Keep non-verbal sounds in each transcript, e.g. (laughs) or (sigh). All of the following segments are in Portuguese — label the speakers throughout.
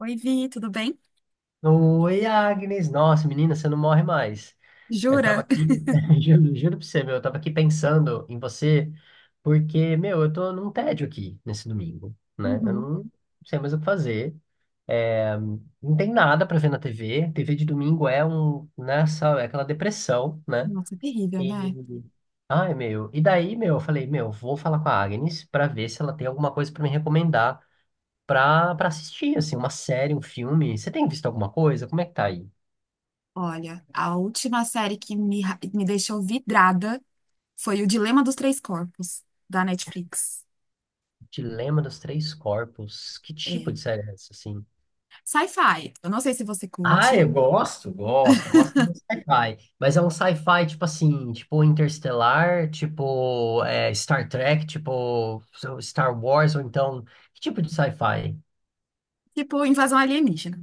Speaker 1: Oi, Vi, tudo bem?
Speaker 2: Oi, Agnes. Nossa, menina, você não morre mais. Eu tava
Speaker 1: Jura?
Speaker 2: aqui, (laughs) juro pra você, meu, eu tava aqui pensando em você, porque, meu, eu tô num tédio aqui nesse domingo, né? Eu
Speaker 1: Uhum.
Speaker 2: não sei mais o que fazer. É, não tem nada pra ver na TV. TV de domingo é é aquela depressão, né?
Speaker 1: Nossa, terrível,
Speaker 2: E,
Speaker 1: né?
Speaker 2: Ai, meu, e daí, meu, eu falei, meu, vou falar com a Agnes pra ver se ela tem alguma coisa pra me recomendar pra assistir, assim, uma série, um filme. Você tem visto alguma coisa? Como é que tá aí?
Speaker 1: Olha, a última série que me deixou vidrada foi O Dilema dos Três Corpos, da Netflix.
Speaker 2: Dilema dos Três Corpos. Que tipo
Speaker 1: É.
Speaker 2: de série é essa, assim?
Speaker 1: Sci-fi. Eu não sei se você
Speaker 2: Ah, eu
Speaker 1: curte.
Speaker 2: gosto de
Speaker 1: (laughs)
Speaker 2: sci-fi. Mas é um sci-fi, tipo assim, tipo Interstellar, tipo Star Trek, tipo Star Wars, ou então... Que tipo de sci-fi?
Speaker 1: Tipo, invasão alienígena.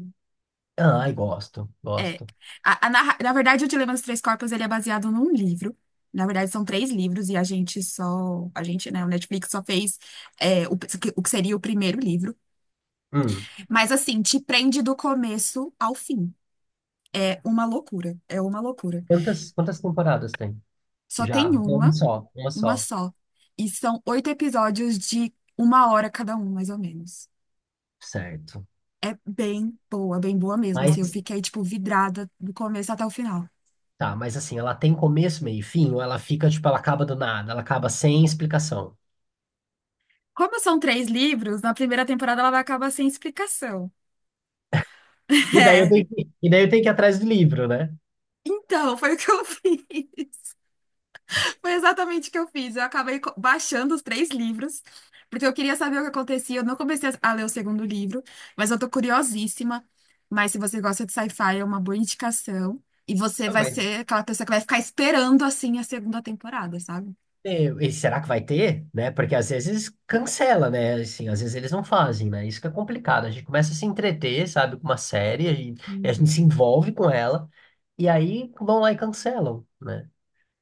Speaker 2: Ai,
Speaker 1: É.
Speaker 2: gosto.
Speaker 1: Na verdade, o Dilema dos Três Corpos, ele é baseado num livro. Na verdade, são três livros e a gente só... A gente, né? O Netflix só fez é, o, o que seria o primeiro livro.
Speaker 2: Hum.
Speaker 1: Mas, assim, te prende do começo ao fim. É uma loucura, é uma loucura.
Speaker 2: Quantas temporadas tem?
Speaker 1: Só
Speaker 2: Já,
Speaker 1: tem
Speaker 2: uma
Speaker 1: uma
Speaker 2: só.
Speaker 1: só. E são oito episódios de uma hora cada um, mais ou menos.
Speaker 2: Certo.
Speaker 1: É bem boa mesmo. Assim, eu
Speaker 2: Mas,
Speaker 1: fiquei, tipo, vidrada do começo até o final.
Speaker 2: tá, mas assim, ela tem começo, meio e fim, ou ela fica, tipo, ela acaba do nada, ela acaba sem explicação.
Speaker 1: Como são três livros, na primeira temporada ela vai acabar sem explicação. (laughs)
Speaker 2: E daí eu
Speaker 1: É,
Speaker 2: tenho que, e daí eu tenho que ir atrás do livro, né?
Speaker 1: então, foi o que eu (laughs) fiz. Foi exatamente o que eu fiz. Eu acabei baixando os três livros, porque eu queria saber o que acontecia. Eu não comecei a ler o segundo livro, mas eu tô curiosíssima. Mas se você gosta de sci-fi, é uma boa indicação. E você
Speaker 2: Ah,
Speaker 1: vai
Speaker 2: mas
Speaker 1: ser aquela pessoa que vai ficar esperando, assim, a segunda temporada, sabe?
Speaker 2: E, e será que vai ter? Né? Porque às vezes cancela, né? Assim, às vezes eles não fazem, né? Isso que é complicado. A gente começa a se entreter, sabe, com uma série, a gente se
Speaker 1: Uhum.
Speaker 2: envolve com ela, e aí vão lá e cancelam, né?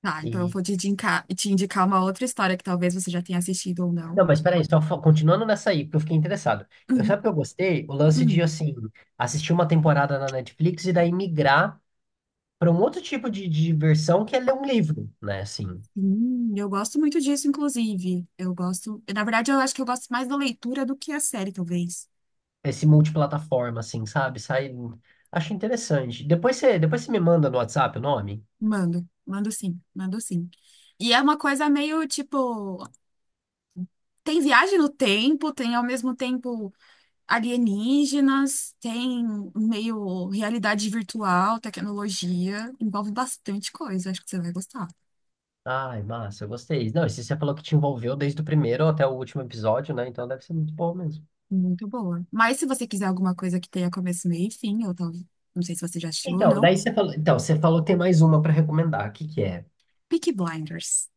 Speaker 1: Tá, então eu
Speaker 2: E...
Speaker 1: vou te indicar uma outra história que talvez você já tenha assistido ou não.
Speaker 2: Não, mas peraí, continuando nessa aí, porque eu fiquei interessado. Eu,
Speaker 1: Uhum,
Speaker 2: sabe o que eu gostei? O lance de,
Speaker 1: uhum.
Speaker 2: assim, assistir uma temporada na Netflix e daí migrar para um outro tipo de diversão que é ler um livro, né? Assim,
Speaker 1: Eu gosto muito disso, inclusive. Eu gosto. Na verdade, eu acho que eu gosto mais da leitura do que a série, talvez.
Speaker 2: esse multiplataforma, assim, sabe? Sai. Acho interessante. Depois você me manda no WhatsApp o nome.
Speaker 1: Mando, mando sim, mando sim. E é uma coisa meio tipo, tem viagem no tempo, tem ao mesmo tempo alienígenas, tem meio realidade virtual, tecnologia, envolve bastante coisa, acho que você vai gostar.
Speaker 2: Ai, massa, eu gostei. Não, esse você falou que te envolveu desde o primeiro até o último episódio, né? Então deve ser muito bom mesmo.
Speaker 1: Muito boa. Mas se você quiser alguma coisa que tenha começo, meio e fim, ou talvez, não sei se você já assistiu ou não,
Speaker 2: Então, você falou que tem mais uma pra recomendar. O que que é?
Speaker 1: Peaky Blinders.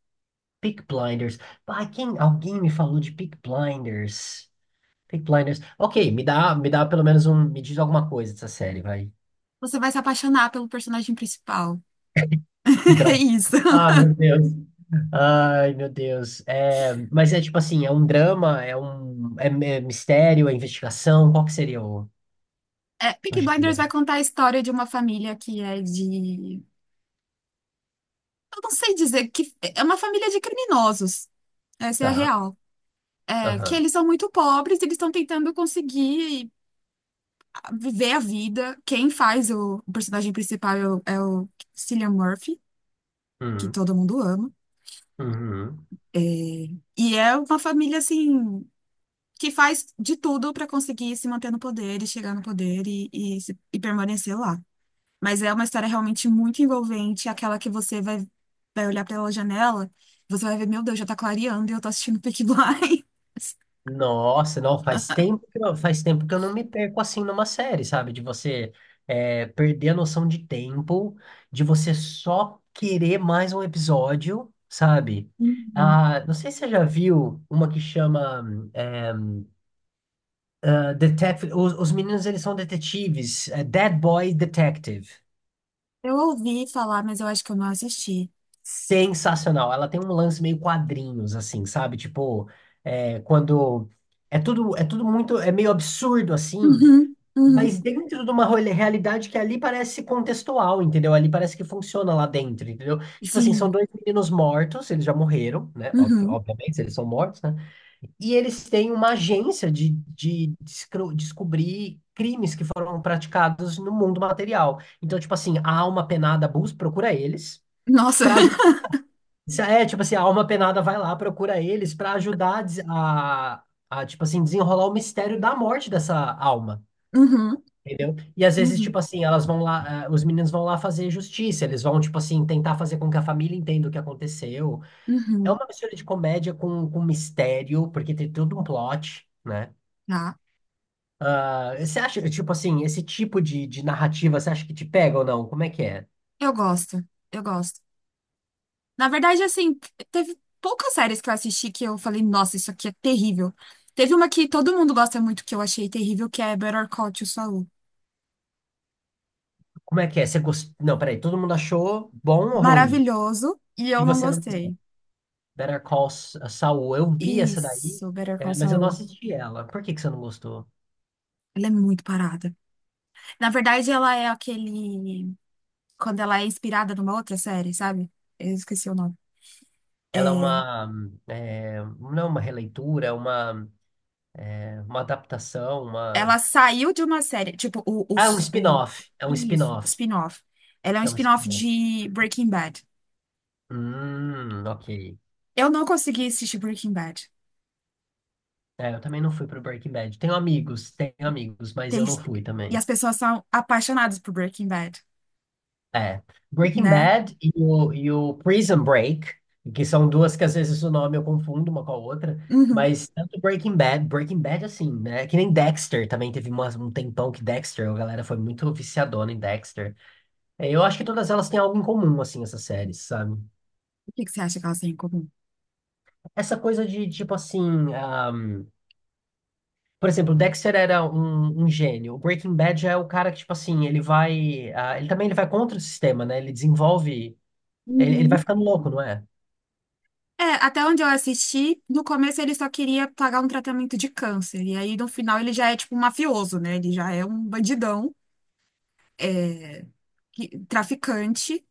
Speaker 2: Peak Blinders. Alguém me falou de Peak Blinders. Peak Blinders. Ok, me dá pelo menos um, me diz alguma coisa dessa série, vai.
Speaker 1: Você vai se apaixonar pelo personagem principal. (laughs) É
Speaker 2: Droga.
Speaker 1: isso.
Speaker 2: Ah, meu Deus. Ai, meu Deus. É, mas é tipo assim, é um drama, é mistério, é investigação, qual que seria
Speaker 1: É,
Speaker 2: o
Speaker 1: Peaky Blinders
Speaker 2: gênero?
Speaker 1: vai contar a história de uma família que é de. Eu não sei dizer que é uma família de criminosos. Essa é a
Speaker 2: Tá.
Speaker 1: real. É que
Speaker 2: Aham.
Speaker 1: eles são muito pobres, eles estão tentando conseguir viver a vida. Quem faz o personagem principal é o Cillian Murphy, que
Speaker 2: Uhum.
Speaker 1: todo mundo ama.
Speaker 2: Uhum.
Speaker 1: É, e é uma família assim que faz de tudo para conseguir se manter no poder e chegar no poder e, se- e permanecer lá. Mas é uma história realmente muito envolvente, aquela que você vai, vai olhar pela janela, você vai ver, meu Deus, já tá clareando e eu tô assistindo Peaky (laughs) Blinders.
Speaker 2: Nossa, não, faz tempo que eu não me perco assim numa série, sabe? De você perder a noção de tempo, de você só querer mais um episódio, sabe?
Speaker 1: Uhum.
Speaker 2: Ah, não sei se você já viu uma que chama é, os meninos, eles são detetives. É Dead Boy Detective.
Speaker 1: Eu ouvi falar, mas eu acho que eu não assisti.
Speaker 2: Sensacional. Ela tem um lance meio quadrinhos, assim, sabe? É, quando... É tudo, muito... É meio absurdo, assim.
Speaker 1: Uhum, uhum,
Speaker 2: Mas dentro de uma realidade que ali parece contextual, entendeu? Ali parece que funciona lá dentro, entendeu? Tipo assim, são
Speaker 1: sim,
Speaker 2: dois meninos mortos, eles já morreram, né?
Speaker 1: uhum.
Speaker 2: Obviamente, eles são mortos, né? E eles têm uma agência de descobrir crimes que foram praticados no mundo material. Então, tipo assim, a alma penada Bus procura eles
Speaker 1: Nossa,
Speaker 2: para ajudar. É, tipo assim, a alma penada vai lá, procura eles para ajudar a tipo assim, desenrolar o mistério da morte dessa alma.
Speaker 1: (laughs) uhum,
Speaker 2: Entendeu? E às vezes,
Speaker 1: uhum,
Speaker 2: tipo assim, elas vão lá, eh, os meninos vão lá fazer justiça, eles vão, tipo assim, tentar fazer com que a família entenda o que aconteceu. É
Speaker 1: uhum.
Speaker 2: uma mistura de comédia com mistério, porque tem todo um plot, né?
Speaker 1: Tá,
Speaker 2: Ah, você acha, tipo assim, esse tipo de narrativa, você acha que te pega ou não? Como é que é?
Speaker 1: eu gosto, eu gosto. Na verdade, assim, teve poucas séries que eu assisti que eu falei, nossa, isso aqui é terrível. Teve uma que todo mundo gosta muito que eu achei terrível, que é Better Call Saul.
Speaker 2: Você Não, peraí, todo mundo achou bom ou ruim?
Speaker 1: Maravilhoso e
Speaker 2: E
Speaker 1: eu não
Speaker 2: você não gostou?
Speaker 1: gostei.
Speaker 2: Better Call Saul, eu vi essa daí,
Speaker 1: Isso, Better Call
Speaker 2: mas eu não
Speaker 1: Saul.
Speaker 2: assisti ela. Por que que você não gostou?
Speaker 1: Ela é muito parada. Na verdade, ela é aquele. Quando ela é inspirada numa outra série, sabe? Eu esqueci o nome.
Speaker 2: Ela é
Speaker 1: É...
Speaker 2: uma, não é uma releitura, é uma adaptação, uma...
Speaker 1: Ela saiu de uma série, tipo,
Speaker 2: Ah,
Speaker 1: o...
Speaker 2: é um
Speaker 1: Isso,
Speaker 2: spin-off,
Speaker 1: spin-off. Ela é um
Speaker 2: é um
Speaker 1: spin-off
Speaker 2: spin-off.
Speaker 1: de Breaking Bad.
Speaker 2: Ok.
Speaker 1: Eu não consegui assistir Breaking Bad.
Speaker 2: É, eu também não fui pro Breaking Bad. Tenho amigos, mas eu
Speaker 1: Tem-
Speaker 2: não fui
Speaker 1: E
Speaker 2: também.
Speaker 1: as pessoas são apaixonadas por Breaking Bad,
Speaker 2: É. Breaking
Speaker 1: né?
Speaker 2: Bad e o Prison Break, que são duas que às vezes o nome eu confundo uma com a outra,
Speaker 1: Uhum.
Speaker 2: mas tanto Breaking Bad, Breaking Bad assim, né? Que nem Dexter também teve um tempão que Dexter, a galera foi muito viciadona em Dexter. Eu acho que todas elas têm algo em comum, assim, essas séries, sabe?
Speaker 1: O que que você acha que elas têm em comum?
Speaker 2: Essa coisa de tipo assim. Por exemplo, Dexter era um gênio. O Breaking Bad já é o cara que, tipo assim, ele vai contra o sistema, né? Ele desenvolve. Ele vai
Speaker 1: Uhum.
Speaker 2: ficando louco, não é?
Speaker 1: É, até onde eu assisti, no começo ele só queria pagar um tratamento de câncer. E aí no final ele já é tipo um mafioso, né? Ele já é um bandidão, é, traficante.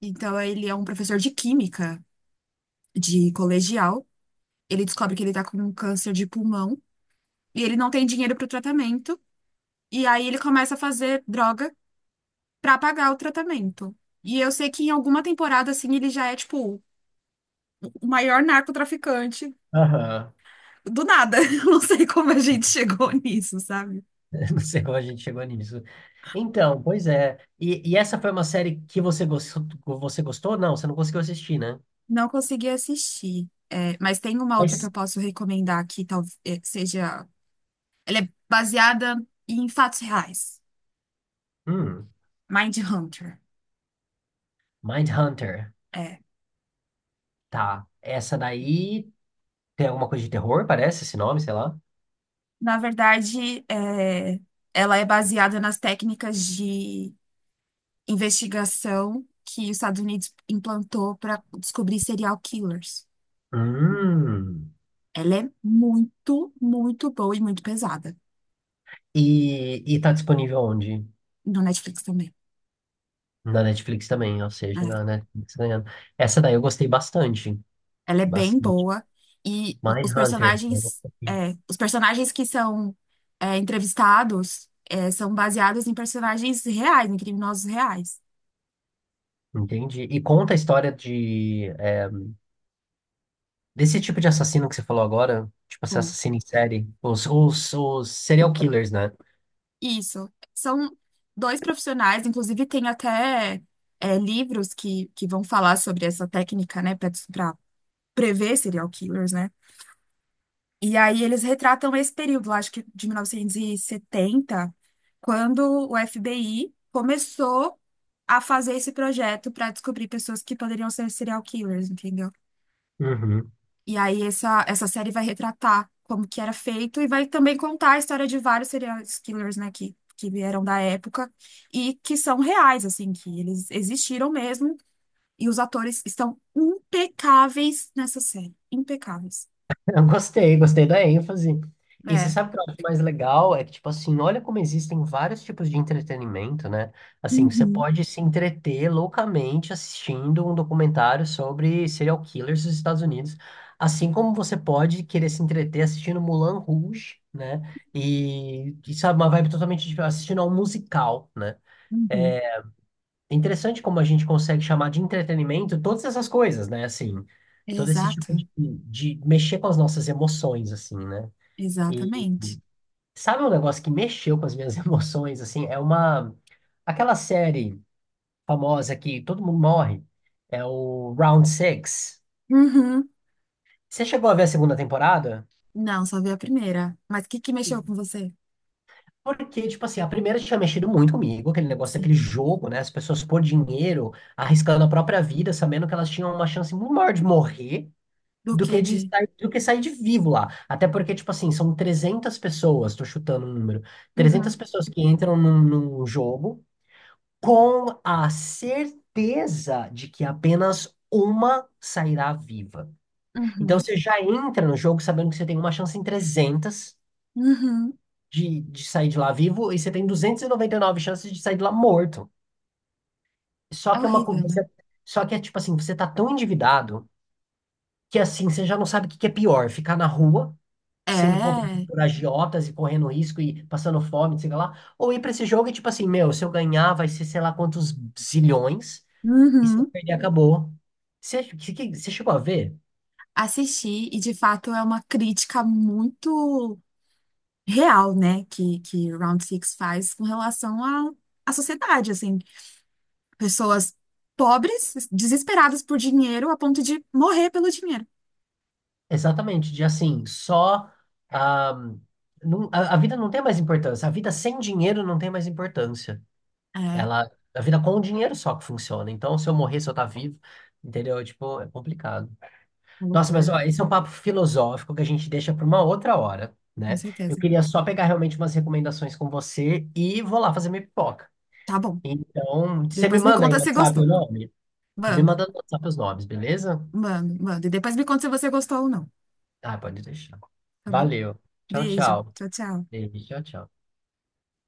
Speaker 1: Então ele é um professor de química de colegial. Ele descobre que ele tá com um câncer de pulmão e ele não tem dinheiro pro tratamento. E aí ele começa a fazer droga pra pagar o tratamento. E eu sei que em alguma temporada, assim, ele já é, tipo, o maior narcotraficante
Speaker 2: Aham.
Speaker 1: do nada. (laughs) Eu não sei como a gente
Speaker 2: (laughs)
Speaker 1: chegou nisso, sabe?
Speaker 2: Não sei como a gente chegou nisso. Então, pois é. E essa foi uma série que você gostou? Você gostou? Não, você não conseguiu assistir, né?
Speaker 1: Não consegui assistir. É, mas tem uma outra que
Speaker 2: Mas,
Speaker 1: eu posso recomendar que talvez seja. Ela é baseada em fatos reais.
Speaker 2: hum,
Speaker 1: Mindhunter.
Speaker 2: Mindhunter.
Speaker 1: É.
Speaker 2: Tá. Essa daí tem alguma coisa de terror, parece, esse nome, sei lá.
Speaker 1: Na verdade, ela é baseada nas técnicas de investigação que os Estados Unidos implantou para descobrir serial killers.
Speaker 2: Hum.
Speaker 1: Ela é muito, muito boa e muito pesada.
Speaker 2: E tá disponível onde?
Speaker 1: No Netflix também.
Speaker 2: Na Netflix também, ou seja, na
Speaker 1: É.
Speaker 2: Netflix ganhando. Essa daí eu gostei bastante.
Speaker 1: Ela é bem
Speaker 2: Bastante.
Speaker 1: boa. E os
Speaker 2: Mindhunter. Esse
Speaker 1: personagens, que são entrevistados, são baseados em personagens reais, em criminosos reais.
Speaker 2: Entendi. E conta a história desse tipo de assassino que você falou agora, tipo esse
Speaker 1: Conto.
Speaker 2: assassino em série, os serial killers, né?
Speaker 1: Isso. São dois profissionais, inclusive tem até livros que vão falar sobre essa técnica, né, para prever serial killers, né? E aí eles retratam esse período, lá, acho que de 1970 quando o FBI começou a fazer esse projeto para descobrir pessoas que poderiam ser serial killers, entendeu?
Speaker 2: Uhum.
Speaker 1: E aí essa série vai retratar como que era feito e vai também contar a história de vários serial killers, né, que vieram da época e que são reais, assim, que eles existiram mesmo e os atores estão impecáveis nessa série, impecáveis.
Speaker 2: (laughs) Gostei da ênfase. E você
Speaker 1: É.
Speaker 2: sabe o que eu acho mais legal? É que, tipo assim, olha como existem vários tipos de entretenimento, né? Assim, você
Speaker 1: Uhum,
Speaker 2: pode se entreter loucamente assistindo um documentário sobre serial killers dos Estados Unidos, assim como você pode querer se entreter assistindo Moulin Rouge, né? E sabe, uma vibe totalmente diferente, assistindo a um musical, né?
Speaker 1: uhum.
Speaker 2: É, é interessante como a gente consegue chamar de entretenimento todas essas coisas, né? Assim, todo esse tipo
Speaker 1: Exato,
Speaker 2: de mexer com as nossas emoções, assim, né? E
Speaker 1: exatamente.
Speaker 2: sabe um negócio que mexeu com as minhas (laughs) emoções, assim? Aquela série famosa que todo mundo morre, é o Round Six.
Speaker 1: Uhum.
Speaker 2: Você chegou a ver a segunda temporada?
Speaker 1: Não, só vi a primeira. Mas o que que mexeu com
Speaker 2: E-
Speaker 1: você?
Speaker 2: Porque, tipo assim, a primeira tinha mexido muito comigo, aquele negócio, aquele
Speaker 1: Sim.
Speaker 2: jogo, né? As pessoas por dinheiro, arriscando a própria vida, sabendo que elas tinham uma chance muito maior de morrer,
Speaker 1: Do que de.
Speaker 2: do que sair de vivo lá. Até porque, tipo assim, são 300 pessoas, tô chutando um número, trezentas
Speaker 1: Uhum,
Speaker 2: pessoas que entram num jogo com a certeza de que apenas uma sairá viva. Então
Speaker 1: uhum,
Speaker 2: você já entra no jogo sabendo que você tem uma chance em 300
Speaker 1: uhum.
Speaker 2: de sair de lá vivo e você tem 99 chances de sair de lá morto. Só
Speaker 1: É
Speaker 2: que é uma co-
Speaker 1: horrível, né?
Speaker 2: você, só que é tipo assim, você tá tão endividado que assim, você já não sabe o que que é pior, ficar na rua sendo cobrado
Speaker 1: É.
Speaker 2: por agiotas e correndo risco e passando fome, não sei o que lá. Ou ir pra esse jogo e tipo assim, meu, se eu ganhar vai ser sei lá quantos zilhões e se eu
Speaker 1: Uhum.
Speaker 2: perder acabou. Você chegou a ver?
Speaker 1: Assisti, e de fato é uma crítica muito real, né? Que Round Six faz com relação à sociedade, assim. Pessoas pobres, desesperadas por dinheiro, a ponto de morrer pelo dinheiro.
Speaker 2: Exatamente, de assim, só ah, não- a vida não tem mais importância. A vida sem dinheiro não tem mais importância.
Speaker 1: É,
Speaker 2: A vida com o dinheiro só que funciona. Então, se eu morrer, se eu tá vivo, entendeu? Tipo, é complicado.
Speaker 1: uma
Speaker 2: Nossa, mas
Speaker 1: loucura,
Speaker 2: ó, esse é um papo filosófico que a gente deixa para uma outra hora,
Speaker 1: com
Speaker 2: né? Eu
Speaker 1: certeza.
Speaker 2: queria só pegar realmente umas recomendações com você e vou lá fazer minha pipoca.
Speaker 1: Tá bom.
Speaker 2: Então, você me
Speaker 1: Depois me
Speaker 2: manda aí
Speaker 1: conta
Speaker 2: no
Speaker 1: se
Speaker 2: WhatsApp o
Speaker 1: gostou.
Speaker 2: nome? Me
Speaker 1: Mando,
Speaker 2: manda no WhatsApp os nomes, beleza?
Speaker 1: mando, mando. E depois me conta se você gostou ou não.
Speaker 2: Ah, pode deixar.
Speaker 1: Tá bom?
Speaker 2: Valeu. Tchau,
Speaker 1: Beijo.
Speaker 2: tchau.
Speaker 1: Tchau, tchau.
Speaker 2: Beijo, tchau, tchau.